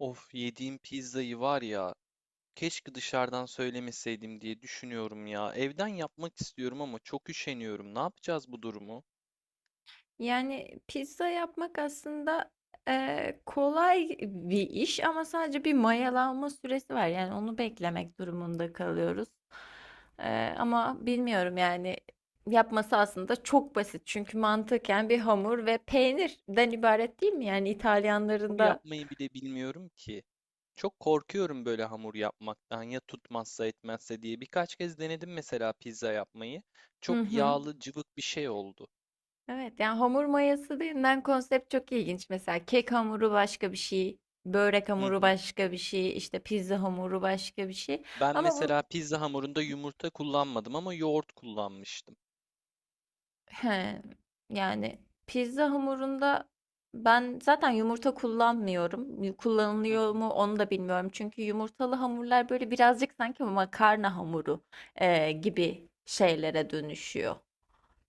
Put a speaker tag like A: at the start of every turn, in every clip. A: Of yediğim pizzayı var ya keşke dışarıdan söylemeseydim diye düşünüyorum ya. Evden yapmak istiyorum ama çok üşeniyorum. Ne yapacağız bu durumu?
B: Yani pizza yapmak aslında, kolay bir iş ama sadece bir mayalanma süresi var. Yani onu beklemek durumunda kalıyoruz. Ama bilmiyorum yani yapması aslında çok basit. Çünkü mantıken bir hamur ve peynirden ibaret değil mi? Yani İtalyanların
A: Hamur
B: da...
A: yapmayı bile bilmiyorum ki. Çok korkuyorum böyle hamur yapmaktan ya tutmazsa etmezse diye. Birkaç kez denedim mesela pizza yapmayı.
B: Hı
A: Çok
B: hı.
A: yağlı cıvık bir şey oldu.
B: Evet yani hamur mayası denilen konsept çok ilginç. Mesela kek hamuru başka bir şey, börek
A: Hı
B: hamuru
A: hı.
B: başka bir şey, işte pizza hamuru başka bir şey.
A: Ben
B: Ama bu,
A: mesela pizza hamurunda yumurta kullanmadım ama yoğurt kullanmıştım.
B: He, yani pizza hamurunda ben zaten yumurta kullanmıyorum.
A: Hı
B: Kullanılıyor
A: hı.
B: mu onu da bilmiyorum. Çünkü yumurtalı hamurlar böyle birazcık sanki makarna hamuru gibi şeylere dönüşüyor,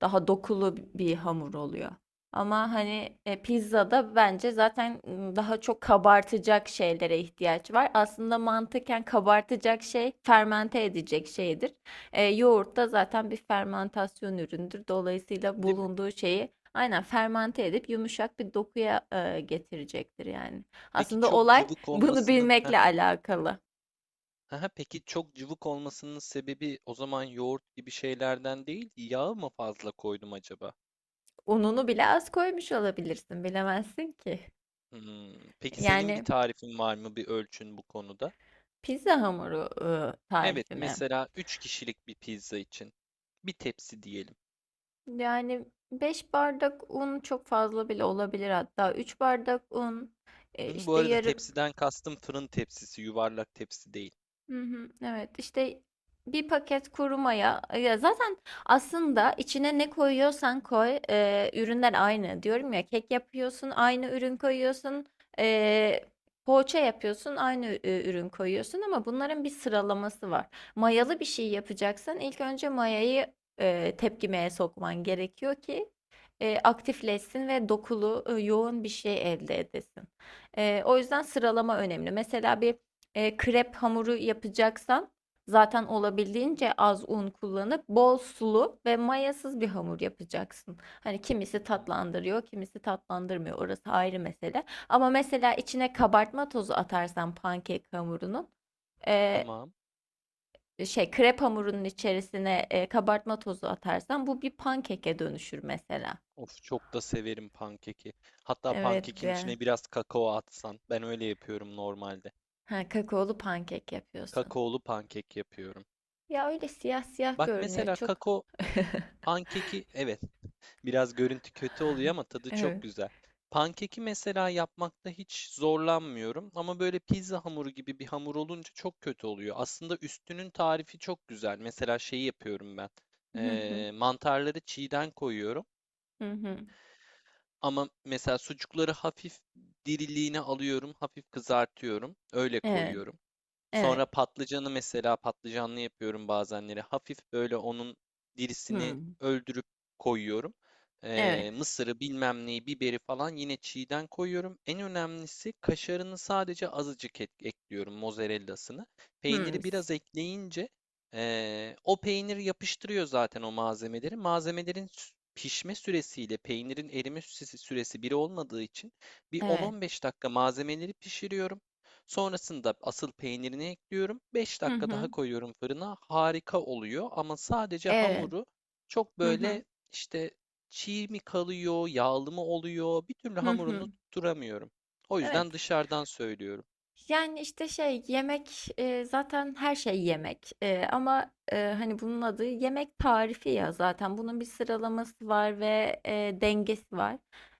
B: daha dokulu bir hamur oluyor. Ama hani pizzada bence zaten daha çok kabartacak şeylere ihtiyaç var. Aslında mantıken kabartacak şey fermente edecek şeydir. Yoğurt da zaten bir fermentasyon üründür. Dolayısıyla
A: Değil mi?
B: bulunduğu şeyi aynen fermente edip yumuşak bir dokuya getirecektir yani.
A: Peki
B: Aslında
A: çok
B: olay
A: cıvık
B: bunu
A: olmasının
B: bilmekle alakalı.
A: Aha, peki çok cıvık olmasının sebebi o zaman yoğurt gibi şeylerden değil, yağı mı fazla koydum acaba?
B: Ununu bile az koymuş olabilirsin, bilemezsin ki.
A: Hmm, Peki senin bir
B: Yani
A: tarifin var mı, bir ölçün bu konuda?
B: pizza hamuru,
A: Evet,
B: tarifi mi?
A: mesela 3 kişilik bir pizza için bir tepsi diyelim.
B: Yani 5 bardak un çok fazla bile olabilir hatta. 3 bardak un,
A: Hı hı, bu
B: işte
A: arada
B: yarım.
A: tepsiden kastım fırın tepsisi, yuvarlak tepsi değil.
B: Hı hı, evet işte bir paket kuru maya, ya zaten aslında içine ne koyuyorsan koy, ürünler aynı diyorum ya, kek yapıyorsun aynı ürün koyuyorsun, e, poğaça yapıyorsun aynı ürün koyuyorsun, ama bunların bir sıralaması var. Mayalı bir şey yapacaksan ilk önce mayayı tepkimeye sokman gerekiyor ki aktifleşsin ve dokulu, yoğun bir şey elde edesin. O yüzden sıralama önemli. Mesela bir krep hamuru yapacaksan zaten olabildiğince az un kullanıp bol sulu ve mayasız bir hamur yapacaksın. Hani
A: Hı
B: kimisi
A: hı,
B: tatlandırıyor, kimisi tatlandırmıyor. Orası ayrı mesele. Ama mesela içine kabartma tozu atarsan pankek hamurunun, e,
A: tamam.
B: krep hamurunun içerisine kabartma tozu atarsan bu bir pankeke dönüşür mesela.
A: Of, çok da severim pankeki. Hatta
B: Evet
A: pankekin
B: de.
A: içine biraz kakao atsan. Ben öyle yapıyorum normalde.
B: Ha, kakaolu pankek yapıyorsun.
A: Kakaolu pankek yapıyorum.
B: Ya öyle siyah siyah
A: Bak
B: görünüyor
A: mesela
B: çok.
A: kakao hani pankeki evet, biraz görüntü kötü oluyor ama tadı çok
B: Evet.
A: güzel. Pankeki mesela yapmakta hiç zorlanmıyorum ama böyle pizza hamuru gibi bir hamur olunca çok kötü oluyor. Aslında üstünün tarifi çok güzel. Mesela şeyi yapıyorum ben.
B: Hı hı.
A: Mantarları çiğden koyuyorum
B: Hı hı.
A: ama mesela sucukları hafif diriliğini alıyorum, hafif kızartıyorum. Öyle
B: Evet.
A: koyuyorum. Sonra
B: Evet.
A: patlıcanı mesela patlıcanlı yapıyorum bazenleri. Hafif böyle onun dirisini
B: Hı.
A: öldürüp koyuyorum.
B: Evet.
A: Mısırı bilmem neyi biberi falan yine çiğden koyuyorum. En önemlisi kaşarını sadece azıcık ekliyorum mozzarellasını.
B: Hı.
A: Peyniri biraz ekleyince o peynir yapıştırıyor zaten o malzemeleri. Malzemelerin pişme süresiyle peynirin erime süresi biri olmadığı için bir
B: Evet.
A: 10-15 dakika malzemeleri pişiriyorum. Sonrasında asıl peynirini ekliyorum. 5
B: Hı
A: dakika daha
B: hı.
A: koyuyorum fırına. Harika oluyor ama sadece
B: Evet.
A: hamuru çok
B: Hı hı.
A: böyle işte çiğ mi kalıyor, yağlı mı oluyor bir türlü
B: Hı hı.
A: hamurunu tutturamıyorum. O
B: Evet.
A: yüzden dışarıdan söylüyorum.
B: Yani, işte, şey, yemek, zaten her şey yemek, ama, hani, bunun adı yemek tarifi ya zaten. Bunun bir sıralaması var ve, dengesi var.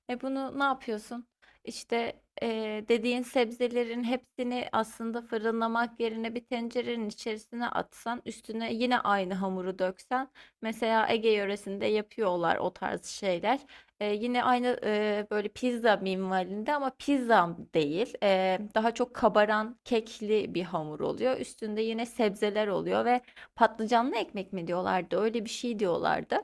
B: Bunu ne yapıyorsun? İşte, dediğin sebzelerin hepsini aslında fırınlamak yerine bir tencerenin içerisine atsan, üstüne yine aynı hamuru döksen, mesela Ege yöresinde yapıyorlar o tarz şeyler. Yine aynı, böyle pizza minvalinde ama pizza değil. Daha çok kabaran kekli bir hamur oluyor. Üstünde yine sebzeler oluyor ve patlıcanlı ekmek mi diyorlardı? Öyle bir şey diyorlardı.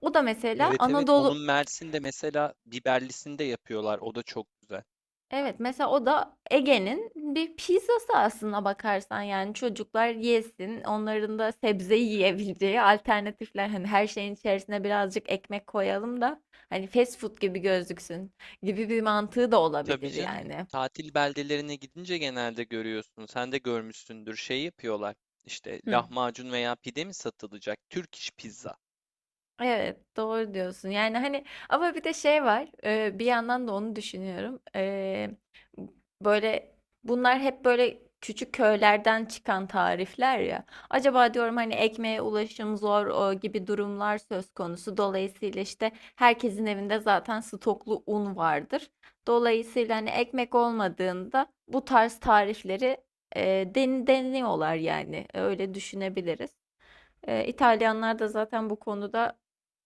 B: O da mesela
A: Evet, evet, onun
B: Anadolu...
A: Mersin'de mesela biberlisinde yapıyorlar. O da çok güzel.
B: Evet, mesela o da Ege'nin bir pizzası aslında bakarsan, yani çocuklar yesin, onların da sebze yiyebileceği alternatifler, hani her şeyin içerisine birazcık ekmek koyalım da hani fast food gibi gözüksün gibi bir mantığı da
A: Tabii
B: olabilir
A: canım.
B: yani.
A: Tatil beldelerine gidince genelde görüyorsun. Sen de görmüşsündür. Şey yapıyorlar. İşte
B: Hı.
A: lahmacun veya pide mi satılacak? Türk iş pizza.
B: Evet, doğru diyorsun yani, hani ama bir de şey var, bir yandan da onu düşünüyorum. Böyle, bunlar hep böyle küçük köylerden çıkan tarifler ya. Acaba diyorum, hani ekmeğe ulaşım zor, o gibi durumlar söz konusu. Dolayısıyla işte herkesin evinde zaten stoklu un vardır. Dolayısıyla hani ekmek olmadığında bu tarz tarifleri deniyorlar yani. Öyle düşünebiliriz. İtalyanlar da zaten bu konuda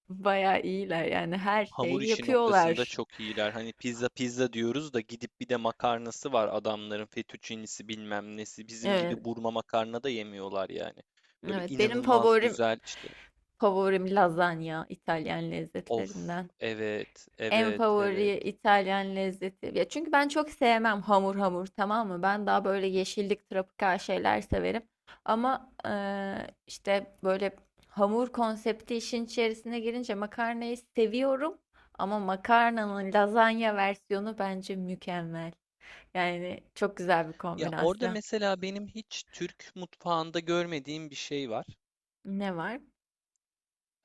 B: bayağı iyiler yani, her
A: Hamur
B: şeyi
A: işi noktasında
B: yapıyorlar.
A: çok iyiler. Hani pizza pizza diyoruz da gidip bir de makarnası var adamların fettuccinisi bilmem nesi. Bizim
B: Evet.
A: gibi burma makarna da yemiyorlar yani. Böyle
B: Evet, benim
A: inanılmaz
B: favorim
A: güzel işte.
B: favorim lazanya İtalyan
A: Of,
B: lezzetlerinden.
A: evet,
B: En
A: evet, evet.
B: favori İtalyan lezzeti. Ya çünkü ben çok sevmem hamur hamur, tamam mı? Ben daha böyle yeşillik, tropikal şeyler severim. Ama işte böyle hamur konsepti işin içerisine girince makarnayı seviyorum. Ama makarnanın lazanya versiyonu bence mükemmel. Yani çok güzel bir
A: Ya orada
B: kombinasyon.
A: mesela benim hiç Türk mutfağında görmediğim bir şey var.
B: Ne var?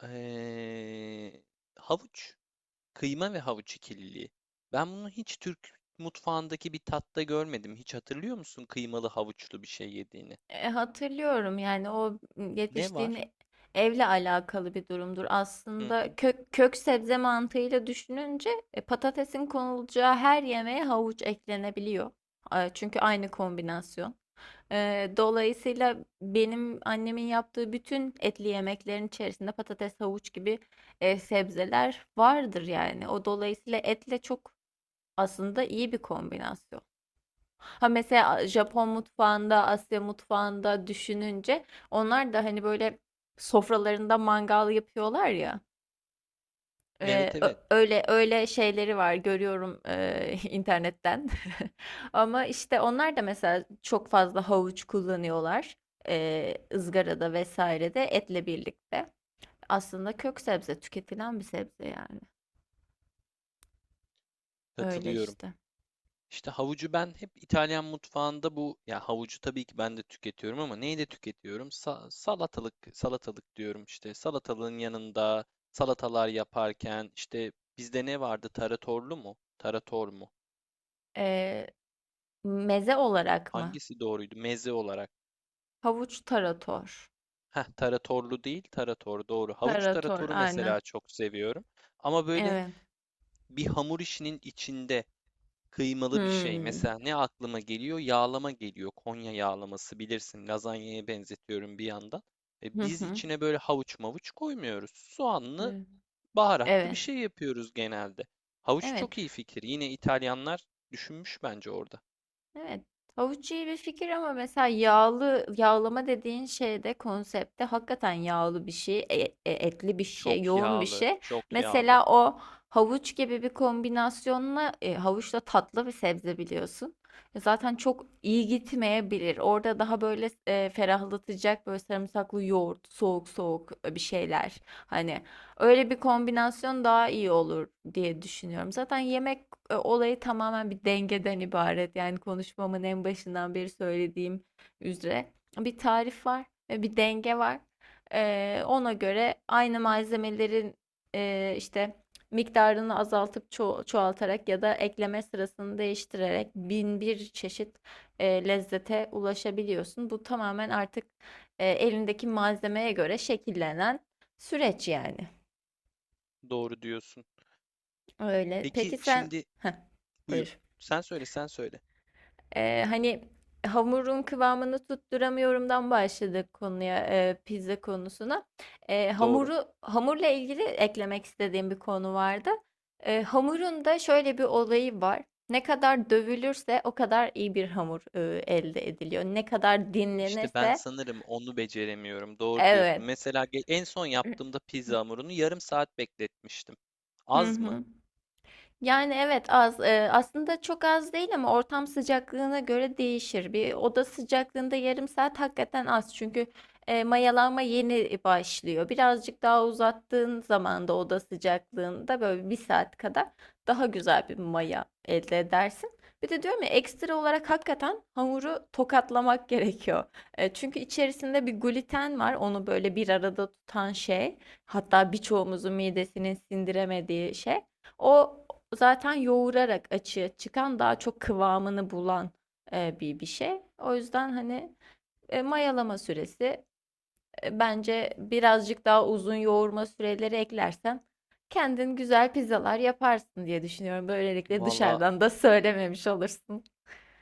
A: Ee, havuç, kıyma ve havuç ikililiği. Ben bunu hiç Türk mutfağındaki bir tatta görmedim. Hiç hatırlıyor musun kıymalı havuçlu bir şey yediğini?
B: Hatırlıyorum yani, o
A: Ne
B: yetiştiğin
A: var?
B: evle alakalı bir durumdur.
A: Hı
B: Aslında
A: hı.
B: kök sebze mantığıyla düşününce patatesin konulacağı her yemeğe havuç eklenebiliyor. Çünkü aynı kombinasyon. E, Dolayısıyla benim annemin yaptığı bütün etli yemeklerin içerisinde patates, havuç gibi sebzeler vardır yani. O dolayısıyla etle çok aslında iyi bir kombinasyon. Ha, mesela Japon mutfağında, Asya mutfağında düşününce onlar da hani böyle sofralarında mangal yapıyorlar ya.
A: Evet, evet,
B: Öyle öyle şeyleri var, görüyorum internetten. Ama işte onlar da mesela çok fazla havuç kullanıyorlar, ızgarada vesairede etle birlikte. Aslında kök sebze tüketilen bir sebze yani. Öyle
A: katılıyorum.
B: işte.
A: İşte havucu ben hep İtalyan mutfağında bu ya havucu tabii ki ben de tüketiyorum ama neyi de tüketiyorum? Salatalık salatalık diyorum işte salatalığın yanında salatalar yaparken işte bizde ne vardı? Taratorlu mu? Tarator mu?
B: Ee, Meze olarak mı?
A: Hangisi doğruydu? Meze olarak.
B: Havuç tarator.
A: Heh, taratorlu değil, tarator doğru. Havuç
B: Tarator
A: taratoru
B: aynen.
A: mesela çok seviyorum. Ama böyle
B: Evet.
A: bir hamur işinin içinde kıymalı bir şey.
B: Hımm.
A: Mesela ne aklıma geliyor? Yağlama geliyor. Konya yağlaması bilirsin. Lazanyaya benzetiyorum bir yandan.
B: Hı
A: Biz
B: hı.
A: içine böyle havuç mavuç koymuyoruz. Soğanlı,
B: Evet.
A: baharatlı bir
B: Evet.
A: şey yapıyoruz genelde. Havuç
B: Evet,
A: çok iyi fikir. Yine İtalyanlar düşünmüş bence orada.
B: evet. Havuç iyi bir fikir ama mesela yağlı, yağlama dediğin şeyde konsepte hakikaten yağlı bir şey, etli bir şey,
A: Çok
B: yoğun bir
A: yağlı,
B: şey.
A: çok yağlı.
B: Mesela o havuç gibi bir kombinasyonla, havuçla tatlı bir sebze biliyorsun. Zaten çok iyi gitmeyebilir. Orada daha böyle ferahlatacak böyle sarımsaklı yoğurt, soğuk soğuk bir şeyler. Hani öyle bir kombinasyon daha iyi olur diye düşünüyorum. Zaten yemek olayı tamamen bir dengeden ibaret. Yani konuşmamın en başından beri söylediğim üzere, bir tarif var ve bir denge var. Ona göre aynı malzemelerin işte miktarını azaltıp çoğaltarak ya da ekleme sırasını değiştirerek bin bir çeşit lezzete ulaşabiliyorsun. Bu tamamen artık elindeki malzemeye göre şekillenen süreç yani.
A: Doğru diyorsun.
B: Öyle.
A: Peki
B: Peki sen...
A: şimdi
B: Heh,
A: buyur.
B: buyur.
A: Sen söyle, sen söyle.
B: Hani hamurun kıvamını tutturamıyorumdan başladık konuya, pizza konusuna.
A: Doğru.
B: Hamuru Hamurla ilgili eklemek istediğim bir konu vardı. Hamurun da şöyle bir olayı var. Ne kadar dövülürse o kadar iyi bir hamur, elde ediliyor. Ne kadar
A: İşte ben
B: dinlenirse...
A: sanırım onu beceremiyorum. Doğru diyorsun.
B: Evet.
A: Mesela en son yaptığımda pizza hamurunu yarım saat bekletmiştim.
B: Hı
A: Az mı?
B: hı. Yani evet, az, aslında çok az değil ama ortam sıcaklığına göre değişir. Bir oda sıcaklığında yarım saat hakikaten az, çünkü mayalanma yeni başlıyor. Birazcık daha uzattığın zaman da oda sıcaklığında böyle bir saat kadar daha güzel bir maya elde edersin. Bir de diyorum ya, ekstra olarak hakikaten hamuru tokatlamak gerekiyor. Çünkü içerisinde bir gluten var, onu böyle bir arada tutan şey. Hatta birçoğumuzun midesinin sindiremediği şey. O zaten yoğurarak açığa çıkan, daha çok kıvamını bulan bir şey. O yüzden hani mayalama süresi, bence birazcık daha uzun yoğurma süreleri eklersen kendin güzel pizzalar yaparsın diye düşünüyorum. Böylelikle
A: Valla
B: dışarıdan da söylememiş olursun.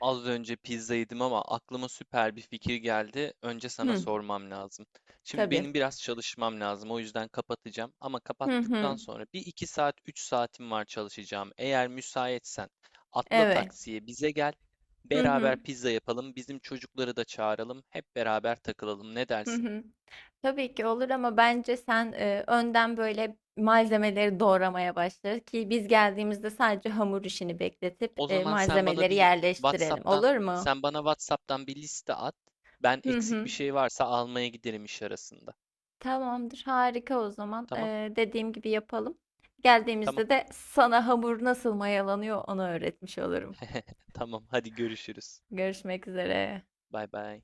A: az önce pizza yedim ama aklıma süper bir fikir geldi. Önce sana
B: Hı,
A: sormam lazım. Şimdi
B: tabii.
A: benim biraz çalışmam lazım. O yüzden kapatacağım. Ama
B: Hı
A: kapattıktan
B: hı.
A: sonra bir iki saat, 3 saatim var çalışacağım. Eğer müsaitsen atla
B: Evet.
A: taksiye bize gel.
B: Hı hı.
A: Beraber pizza yapalım. Bizim çocukları da çağıralım. Hep beraber takılalım. Ne
B: Hı
A: dersin?
B: hı. Tabii ki olur ama bence sen önden böyle malzemeleri doğramaya başla ki biz geldiğimizde sadece hamur işini bekletip
A: O zaman
B: malzemeleri yerleştirelim.
A: WhatsApp'tan
B: Olur mu?
A: sen bana WhatsApp'tan bir liste at. Ben
B: Hı
A: eksik bir
B: hı.
A: şey varsa almaya giderim iş arasında.
B: Tamamdır, harika o zaman.
A: Tamam?
B: Dediğim gibi yapalım.
A: Tamam.
B: Geldiğimizde de sana hamur nasıl mayalanıyor, onu öğretmiş olurum.
A: Tamam. Hadi görüşürüz.
B: Görüşmek üzere.
A: Bay bay.